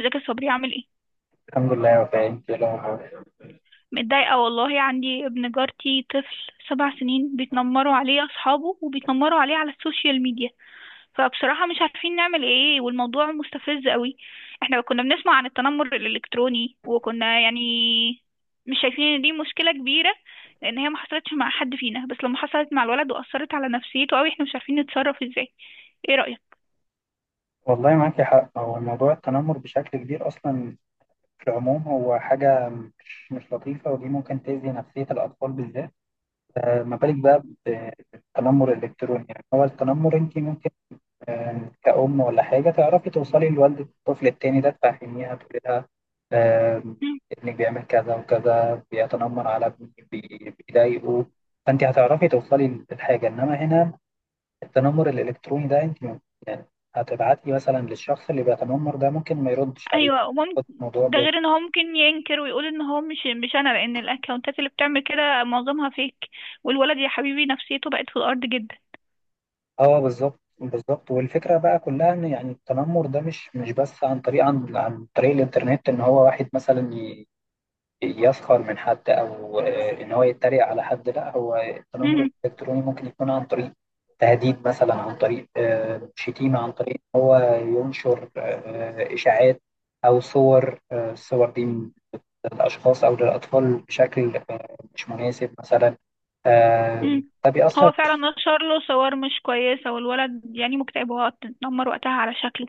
ازيك يا صبري؟ عامل ايه؟ الحمد لله يا وفاء، انت ايه الاخبار؟ متضايقه والله، عندي ابن جارتي طفل 7 سنين بيتنمروا عليه اصحابه وبيتنمروا عليه على السوشيال ميديا. فبصراحه مش عارفين نعمل ايه، والموضوع مستفز قوي. احنا كنا بنسمع عن التنمر الالكتروني وكنا يعني مش شايفين ان دي مشكله كبيره، لان هي ما حصلتش مع حد فينا، بس لما حصلت مع الولد واثرت على نفسيته قوي احنا مش عارفين نتصرف ازاي. ايه رايك؟ والله معاكي حق، هو موضوع التنمر بشكل كبير اصلا في العموم، هو حاجه مش لطيفه، ودي ممكن تاذي نفسيه الاطفال بالذات. ما بالك بقى بالتنمر الالكتروني؟ يعني هو التنمر انت ممكن، كأم ولا حاجه تعرفي توصلي لوالده الطفل التاني ده، تفهميها، تقولي لها آه، ابنك بيعمل كذا وكذا، بيتنمر على ابني، بيضايقه، فانت هتعرفي توصلي للحاجه. انما هنا التنمر الالكتروني ده، انت يعني هتبعتي مثلا للشخص اللي بيتنمر ده، ممكن ما يردش عليك. ايوه، وممكن. خد الموضوع ده ب غير ان هو ممكن ينكر ويقول ان هو مش انا، لان الاكونتات اللي بتعمل كده معظمها فيك. والولد يا حبيبي نفسيته بقت في الارض جدا. اه، بالظبط بالظبط. والفكره بقى كلها ان يعني التنمر ده مش بس عن طريق عن طريق الانترنت، ان هو واحد مثلا يسخر من حد، او ان هو يتريق على حد. لا، هو التنمر مهم. الالكتروني ممكن يكون عن طريق تهديد مثلا، عن طريق شتيمه، عن طريق ان هو ينشر اشاعات او صور، الصور دي للأشخاص أو للأطفال بشكل مش مناسب مثلا. مم. ده بيأثر هو فعلا نشر له صور مش كويسه، والولد يعني مكتئب واتنمر وقتها على شكله.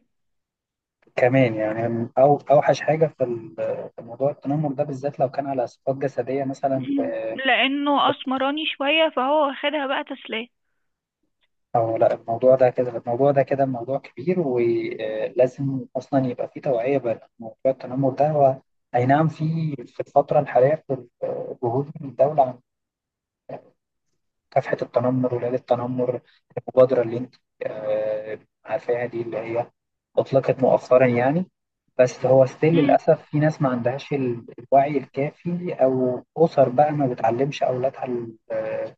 كمان، يعني. أو أوحش حاجة في في موضوع التنمر ده بالذات لو كان على صفات جسدية مثلا، مم. في لانه في- اسمراني شويه فهو واخدها بقى تسليه. أو لا، الموضوع ده كده، موضوع كبير، ولازم أصلا يبقى فيه توعية بموضوع التنمر ده. هو أي نعم، في الفترة الحالية في جهود من الدولة عن مكافحة التنمر وليلة التنمر، المبادرة اللي أنت آه، عارفاها دي، اللي هي أطلقت مؤخرا يعني. بس هو ستيل مم. للأسف في ناس ما عندهاش الوعي الكافي، أو أسر بقى ما بتعلمش أولادها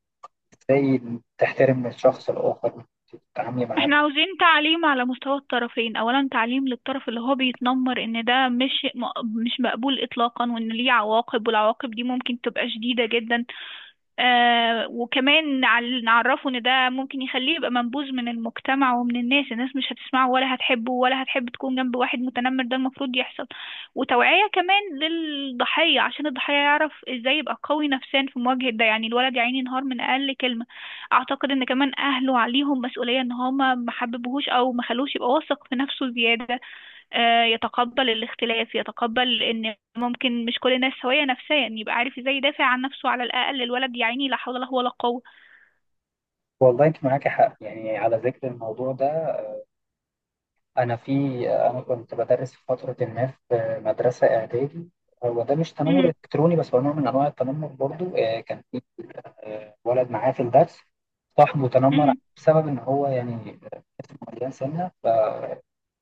إزاي تحترم الشخص الآخر وتتعاملي معاه. احنا عاوزين تعليم على مستوى الطرفين، اولا تعليم للطرف اللي هو بيتنمر ان ده مش مقبول اطلاقا، وان ليه عواقب، والعواقب دي ممكن تبقى شديدة جدا. آه، وكمان نعرفه ان ده ممكن يخليه يبقى منبوذ من المجتمع ومن الناس. الناس مش هتسمعه ولا هتحبه ولا هتحب تكون جنب واحد متنمر. ده المفروض يحصل. وتوعية كمان للضحية عشان الضحية يعرف ازاي يبقى قوي نفسيا في مواجهة ده، يعني الولد يا عيني ينهار من اقل كلمة. اعتقد ان كمان اهله عليهم مسؤولية، ان هما ما حببوهوش او ما خلوش يبقى واثق في نفسه زيادة. يتقبل الاختلاف، يتقبل ان ممكن مش كل الناس سوية نفسيا، يبقى عارف ازاي يدافع عن نفسه. على الاقل الولد يا عيني لا حول له ولا قوة. والله أنت معاكي حق، يعني على ذكر الموضوع ده، أنا في أنا كنت بدرس في فترة ما في مدرسة إعدادي. هو ده مش تنمر مم. إلكتروني، بس هو نوع من أنواع التنمر برضو. كان في ولد معاه في الدرس، صاحبه تنمر مم. بسبب إن هو يعني مليان سنة،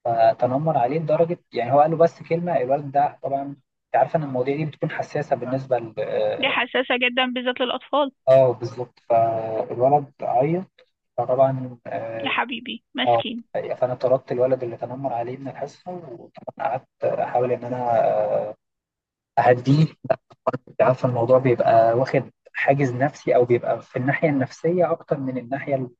فتنمر عليه لدرجه يعني هو قال له بس كلمه. الولد ده، طبعا انت عارفه ان المواضيع دي بتكون حساسه بالنسبه ل دي اه حساسة جدا بالذات للاطفال. بالظبط. فالولد عيط، فطبعا يا حبيبي آه، مسكين. فانا طردت الولد اللي تنمر عليه من الحصه، وطبعا قعدت احاول ان انا آه، اهديه. انت عارفه الموضوع بيبقى واخد حاجز نفسي، او بيبقى في الناحيه النفسيه اكتر من الناحيه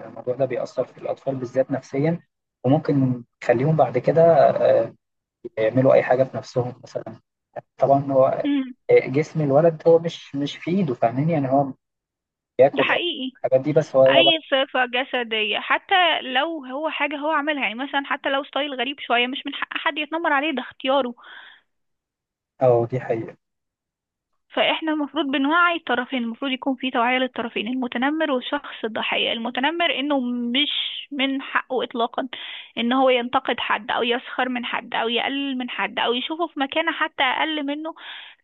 الموضوع ده بيأثر في الأطفال بالذات نفسيا، وممكن يخليهم بعد كده آه، يعملوا اي حاجه بنفسهم مثلا. طبعا هو مم. جسم الولد هو مش في ايده، فاهمين؟ يعني هو بياكل ده حقيقي. الحاجات دي، بس هو طبعا اي صفة جسدية، حتى لو هو حاجة هو عملها، يعني مثلا حتى لو ستايل غريب شوية مش من حق حد يتنمر عليه، ده اختياره. اه دي حقيقه. فاحنا المفروض بنوعي الطرفين، المفروض يكون في توعية للطرفين، المتنمر والشخص الضحية. المتنمر انه مش من حقه اطلاقا ان هو ينتقد حد او يسخر من حد او يقلل من حد او يشوفه في مكانة حتى اقل منه،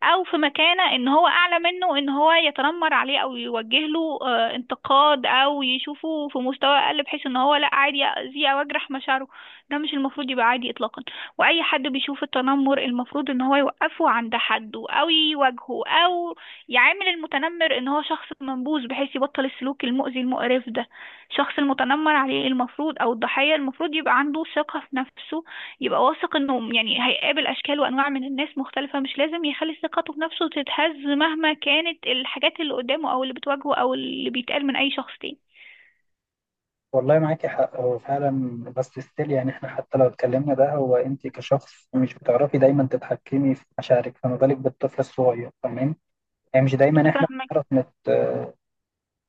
او في مكانة ان هو اعلى منه، ان هو يتنمر عليه او يوجه له انتقاد، او يشوفه في مستوى اقل بحيث ان هو لا عادي يأذيه او يجرح مشاعره. ده مش المفروض يبقى عادي اطلاقا. واي حد بيشوف التنمر المفروض ان هو يوقفه عند حده او يواجهه او يعامل المتنمر ان هو شخص منبوذ بحيث يبطل السلوك المؤذي المقرف ده. الشخص المتنمر عليه المفروض، او الضحية، المفروض يبقى عنده ثقة في نفسه، يبقى واثق انه يعني هيقابل اشكال وانواع من الناس مختلفة، مش لازم يخلي ثقته في نفسه تتهز مهما كانت الحاجات اللي قدامه او اللي بتواجهه او اللي بيتقال من اي شخص تاني. والله معاكي حق، هو فعلا بس ستيل يعني، احنا حتى لو اتكلمنا ده، هو انت كشخص مش بتعرفي دايما تتحكمي في مشاعرك، فما بالك بالطفل الصغير؟ تمام، يعني مش دايما احنا فاهمك. بنعرف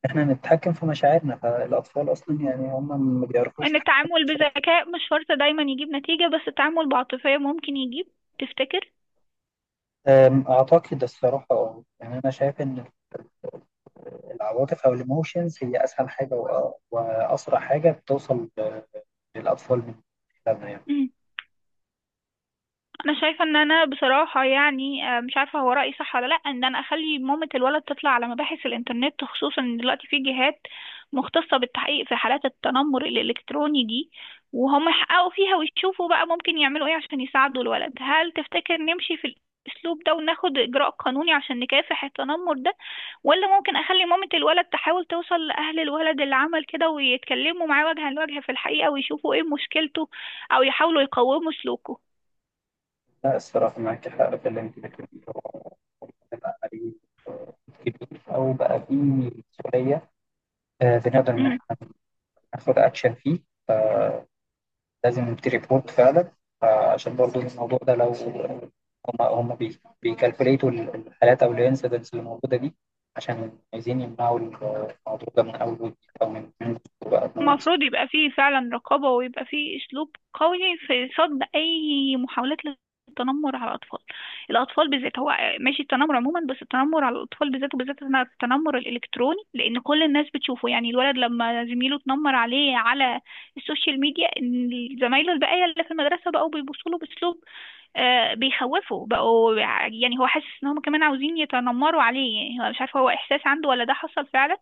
احنا نتحكم في مشاعرنا، فالاطفال اصلا يعني هم ما بيعرفوش ان يتحكموا في التعامل مشاعرهم. بذكاء مش شرط دايما يجيب نتيجة، بس التعامل بعاطفية ممكن يجيب. تفتكر؟ اعتقد الصراحه يعني انا شايف ان العواطف او الايموشنز هي اسهل حاجه واسرع حاجه بتوصل للاطفال من خلالها، يعني. انا شايفه ان انا بصراحه يعني مش عارفه هو رايي صح ولا لا، ان انا اخلي مامه الولد تطلع على مباحث الانترنت، خصوصا ان دلوقتي في جهات مختصه بالتحقيق في حالات التنمر الالكتروني دي، وهم يحققوا فيها ويشوفوا بقى ممكن يعملوا ايه عشان يساعدوا الولد. هل تفتكر نمشي في الاسلوب ده وناخد اجراء قانوني عشان نكافح التنمر ده؟ ولا ممكن اخلي مامه الولد تحاول توصل لاهل الولد اللي عمل كده ويتكلموا معاه وجها لوجه في الحقيقه ويشوفوا ايه مشكلته او يحاولوا يقوموا سلوكه؟ لا الصراحه معاك حق في اللي انت بتقوليه، هو بيبقى عليه كبير، او بقى فيه مسؤوليه. بنقدر ان احنا ناخد اكشن فيه، لازم نبتدي ريبورت فعلا. عشان برضو الموضوع ده، لو هم بيكالكوليتوا الحالات او الانسيدنتس اللي موجوده دي، عشان عايزين يمنعوا الموضوع ده من اول وجديد، او من بقى. المفروض يبقى فيه فعلا رقابة، ويبقى فيه أسلوب قوي في صد أي محاولات للتنمر على الأطفال. الأطفال بالذات. هو ماشي التنمر عموما، بس التنمر على الأطفال بالذات، وبالذات إنها التنمر الإلكتروني، لأن كل الناس بتشوفه. يعني الولد لما زميله اتنمر عليه على السوشيال ميديا، إن زمايله الباقية اللي في المدرسة بقوا بيبصوا له بأسلوب بيخوفوا، بقوا يعني هو حاسس ان هم كمان عاوزين يتنمروا عليه. يعني هو مش عارف هو احساس عنده ولا ده حصل فعلا،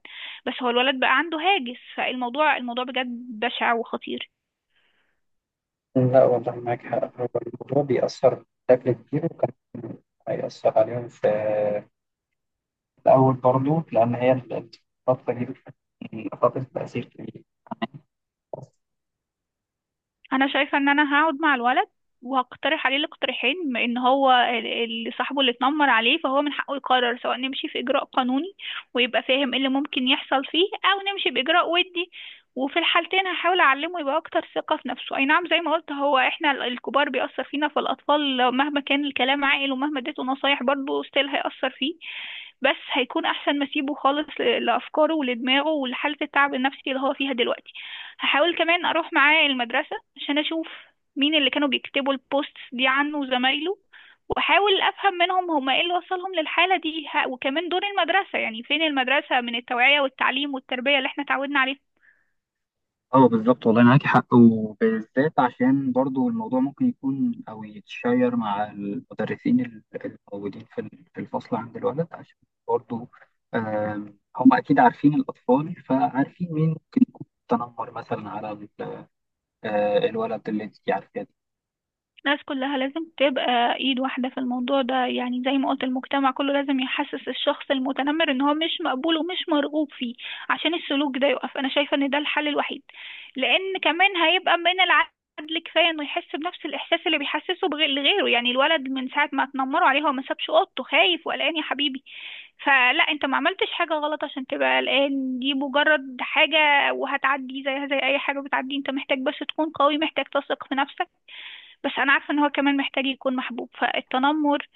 بس هو الولد بقى عنده هاجس. فالموضوع، الموضوع بجد بشع وخطير. لا والله معاك حق، هو الموضوع بيأثر بشكل كبير، وكان هيأثر عليهم في الأول برضه، لأن هي الفترة دي بتكون فترة تأثير كبير. انا شايفه ان انا هقعد مع الولد وهقترح عليه الاقتراحين، بما ان هو اللي صاحبه اللي اتنمر عليه، فهو من حقه يقرر، سواء نمشي في اجراء قانوني ويبقى فاهم ايه اللي ممكن يحصل فيه، او نمشي باجراء ودي. وفي الحالتين هحاول اعلمه يبقى اكتر ثقه في نفسه. اي نعم زي ما قلت، هو احنا الكبار بيأثر فينا فالاطفال، مهما كان الكلام عاقل ومهما اديته نصايح برضه ستيل هيأثر فيه، بس هيكون احسن ما اسيبه خالص لافكاره ولدماغه ولحاله التعب النفسي اللي هو فيها دلوقتي. هحاول كمان اروح معاه المدرسه عشان اشوف مين اللي كانوا بيكتبوا البوستس دي عنه وزمايله، واحاول افهم منهم هما ايه اللي وصلهم للحاله دي. وكمان دور المدرسه، يعني فين المدرسه من التوعيه والتعليم والتربيه اللي احنا اتعودنا عليها؟ اه بالظبط، والله معاك حق، وبالذات عشان برضو الموضوع ممكن يكون او يتشير مع المدرسين الموجودين في الفصل عند الولد، عشان برضو هم اكيد عارفين الاطفال، فعارفين مين ممكن يكون تنمر مثلا على الولد اللي انت عارفاه. الناس كلها لازم تبقى ايد واحدة في الموضوع ده. يعني زي ما قلت، المجتمع كله لازم يحسس الشخص المتنمر ان هو مش مقبول ومش مرغوب فيه عشان السلوك ده يقف. انا شايفة ان ده الحل الوحيد، لان كمان هيبقى من العدل كفاية انه يحس بنفس الاحساس اللي بيحسسه لغيره. يعني الولد من ساعة ما اتنمروا عليه هو ما سابش اوضته، خايف وقلقان يا حبيبي. فلا، انت ما عملتش حاجة غلط عشان تبقى قلقان، دي مجرد حاجة وهتعدي زيها زي اي حاجة بتعدي. انت محتاج بس تكون قوي، محتاج تثق في نفسك. بس انا عارفه ان هو كمان محتاج يكون محبوب، فالتنمر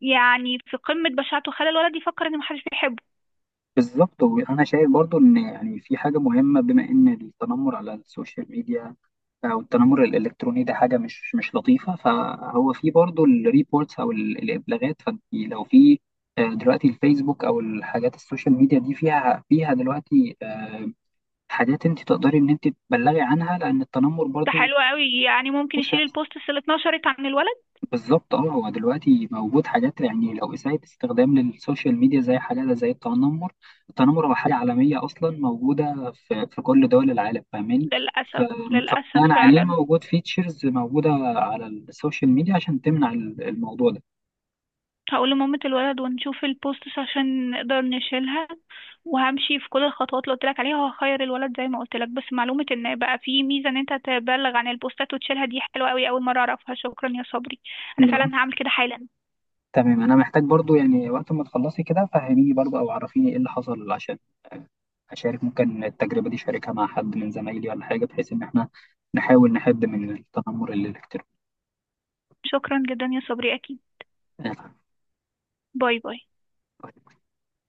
يعني في قمه بشاعته خلى الولد يفكر ان محدش بيحبه. بالظبط، وانا شايف برضو ان يعني في حاجه مهمه، بما ان التنمر على السوشيال ميديا او التنمر الالكتروني ده حاجه مش لطيفه، فهو في برضو الريبورتس او الابلاغات. فانت لو في دلوقتي الفيسبوك او الحاجات السوشيال ميديا دي، فيها دلوقتي حاجات انت تقدري ان انت تبلغي عنها، لان التنمر ده برضو حلو قوي، يعني ممكن يشيل البوستس اللي اتنشرت عن الولد. بالظبط. اه، هو دلوقتي موجود حاجات يعني، لو إساءة استخدام للسوشيال ميديا زي حاجة زي التنمر. التنمر هو حاجة عالمية أصلا، موجودة في كل دول العالم، فاهماني؟ ف- للاسف، للاسف فبناء عليه فعلا. موجود فيتشرز موجودة على السوشيال ميديا عشان تمنع الموضوع ده. هقول لمامة الولد ونشوف البوستس عشان نقدر نشيلها، وهمشي في كل الخطوات اللي قلت لك عليها، وهخير الولد زي ما قلت لك. بس معلومه ان بقى في ميزه ان انت تبلغ عن البوستات وتشيلها دي حلوه قوي، اول مره اعرفها. شكرا يا صبري، انا تمام. فعلا هعمل كده حالا. تمام. أنا محتاج برضو يعني وقت ما تخلصي كده، فهميني برضو أو عرفيني إيه اللي حصل، عشان أشارك ممكن التجربة دي، أشاركها مع حد من زمايلي ولا حاجة، بحيث إن إحنا نحاول نحد من التنمر الإلكتروني. شكرا جدا يا صبري، اكيد. باي باي.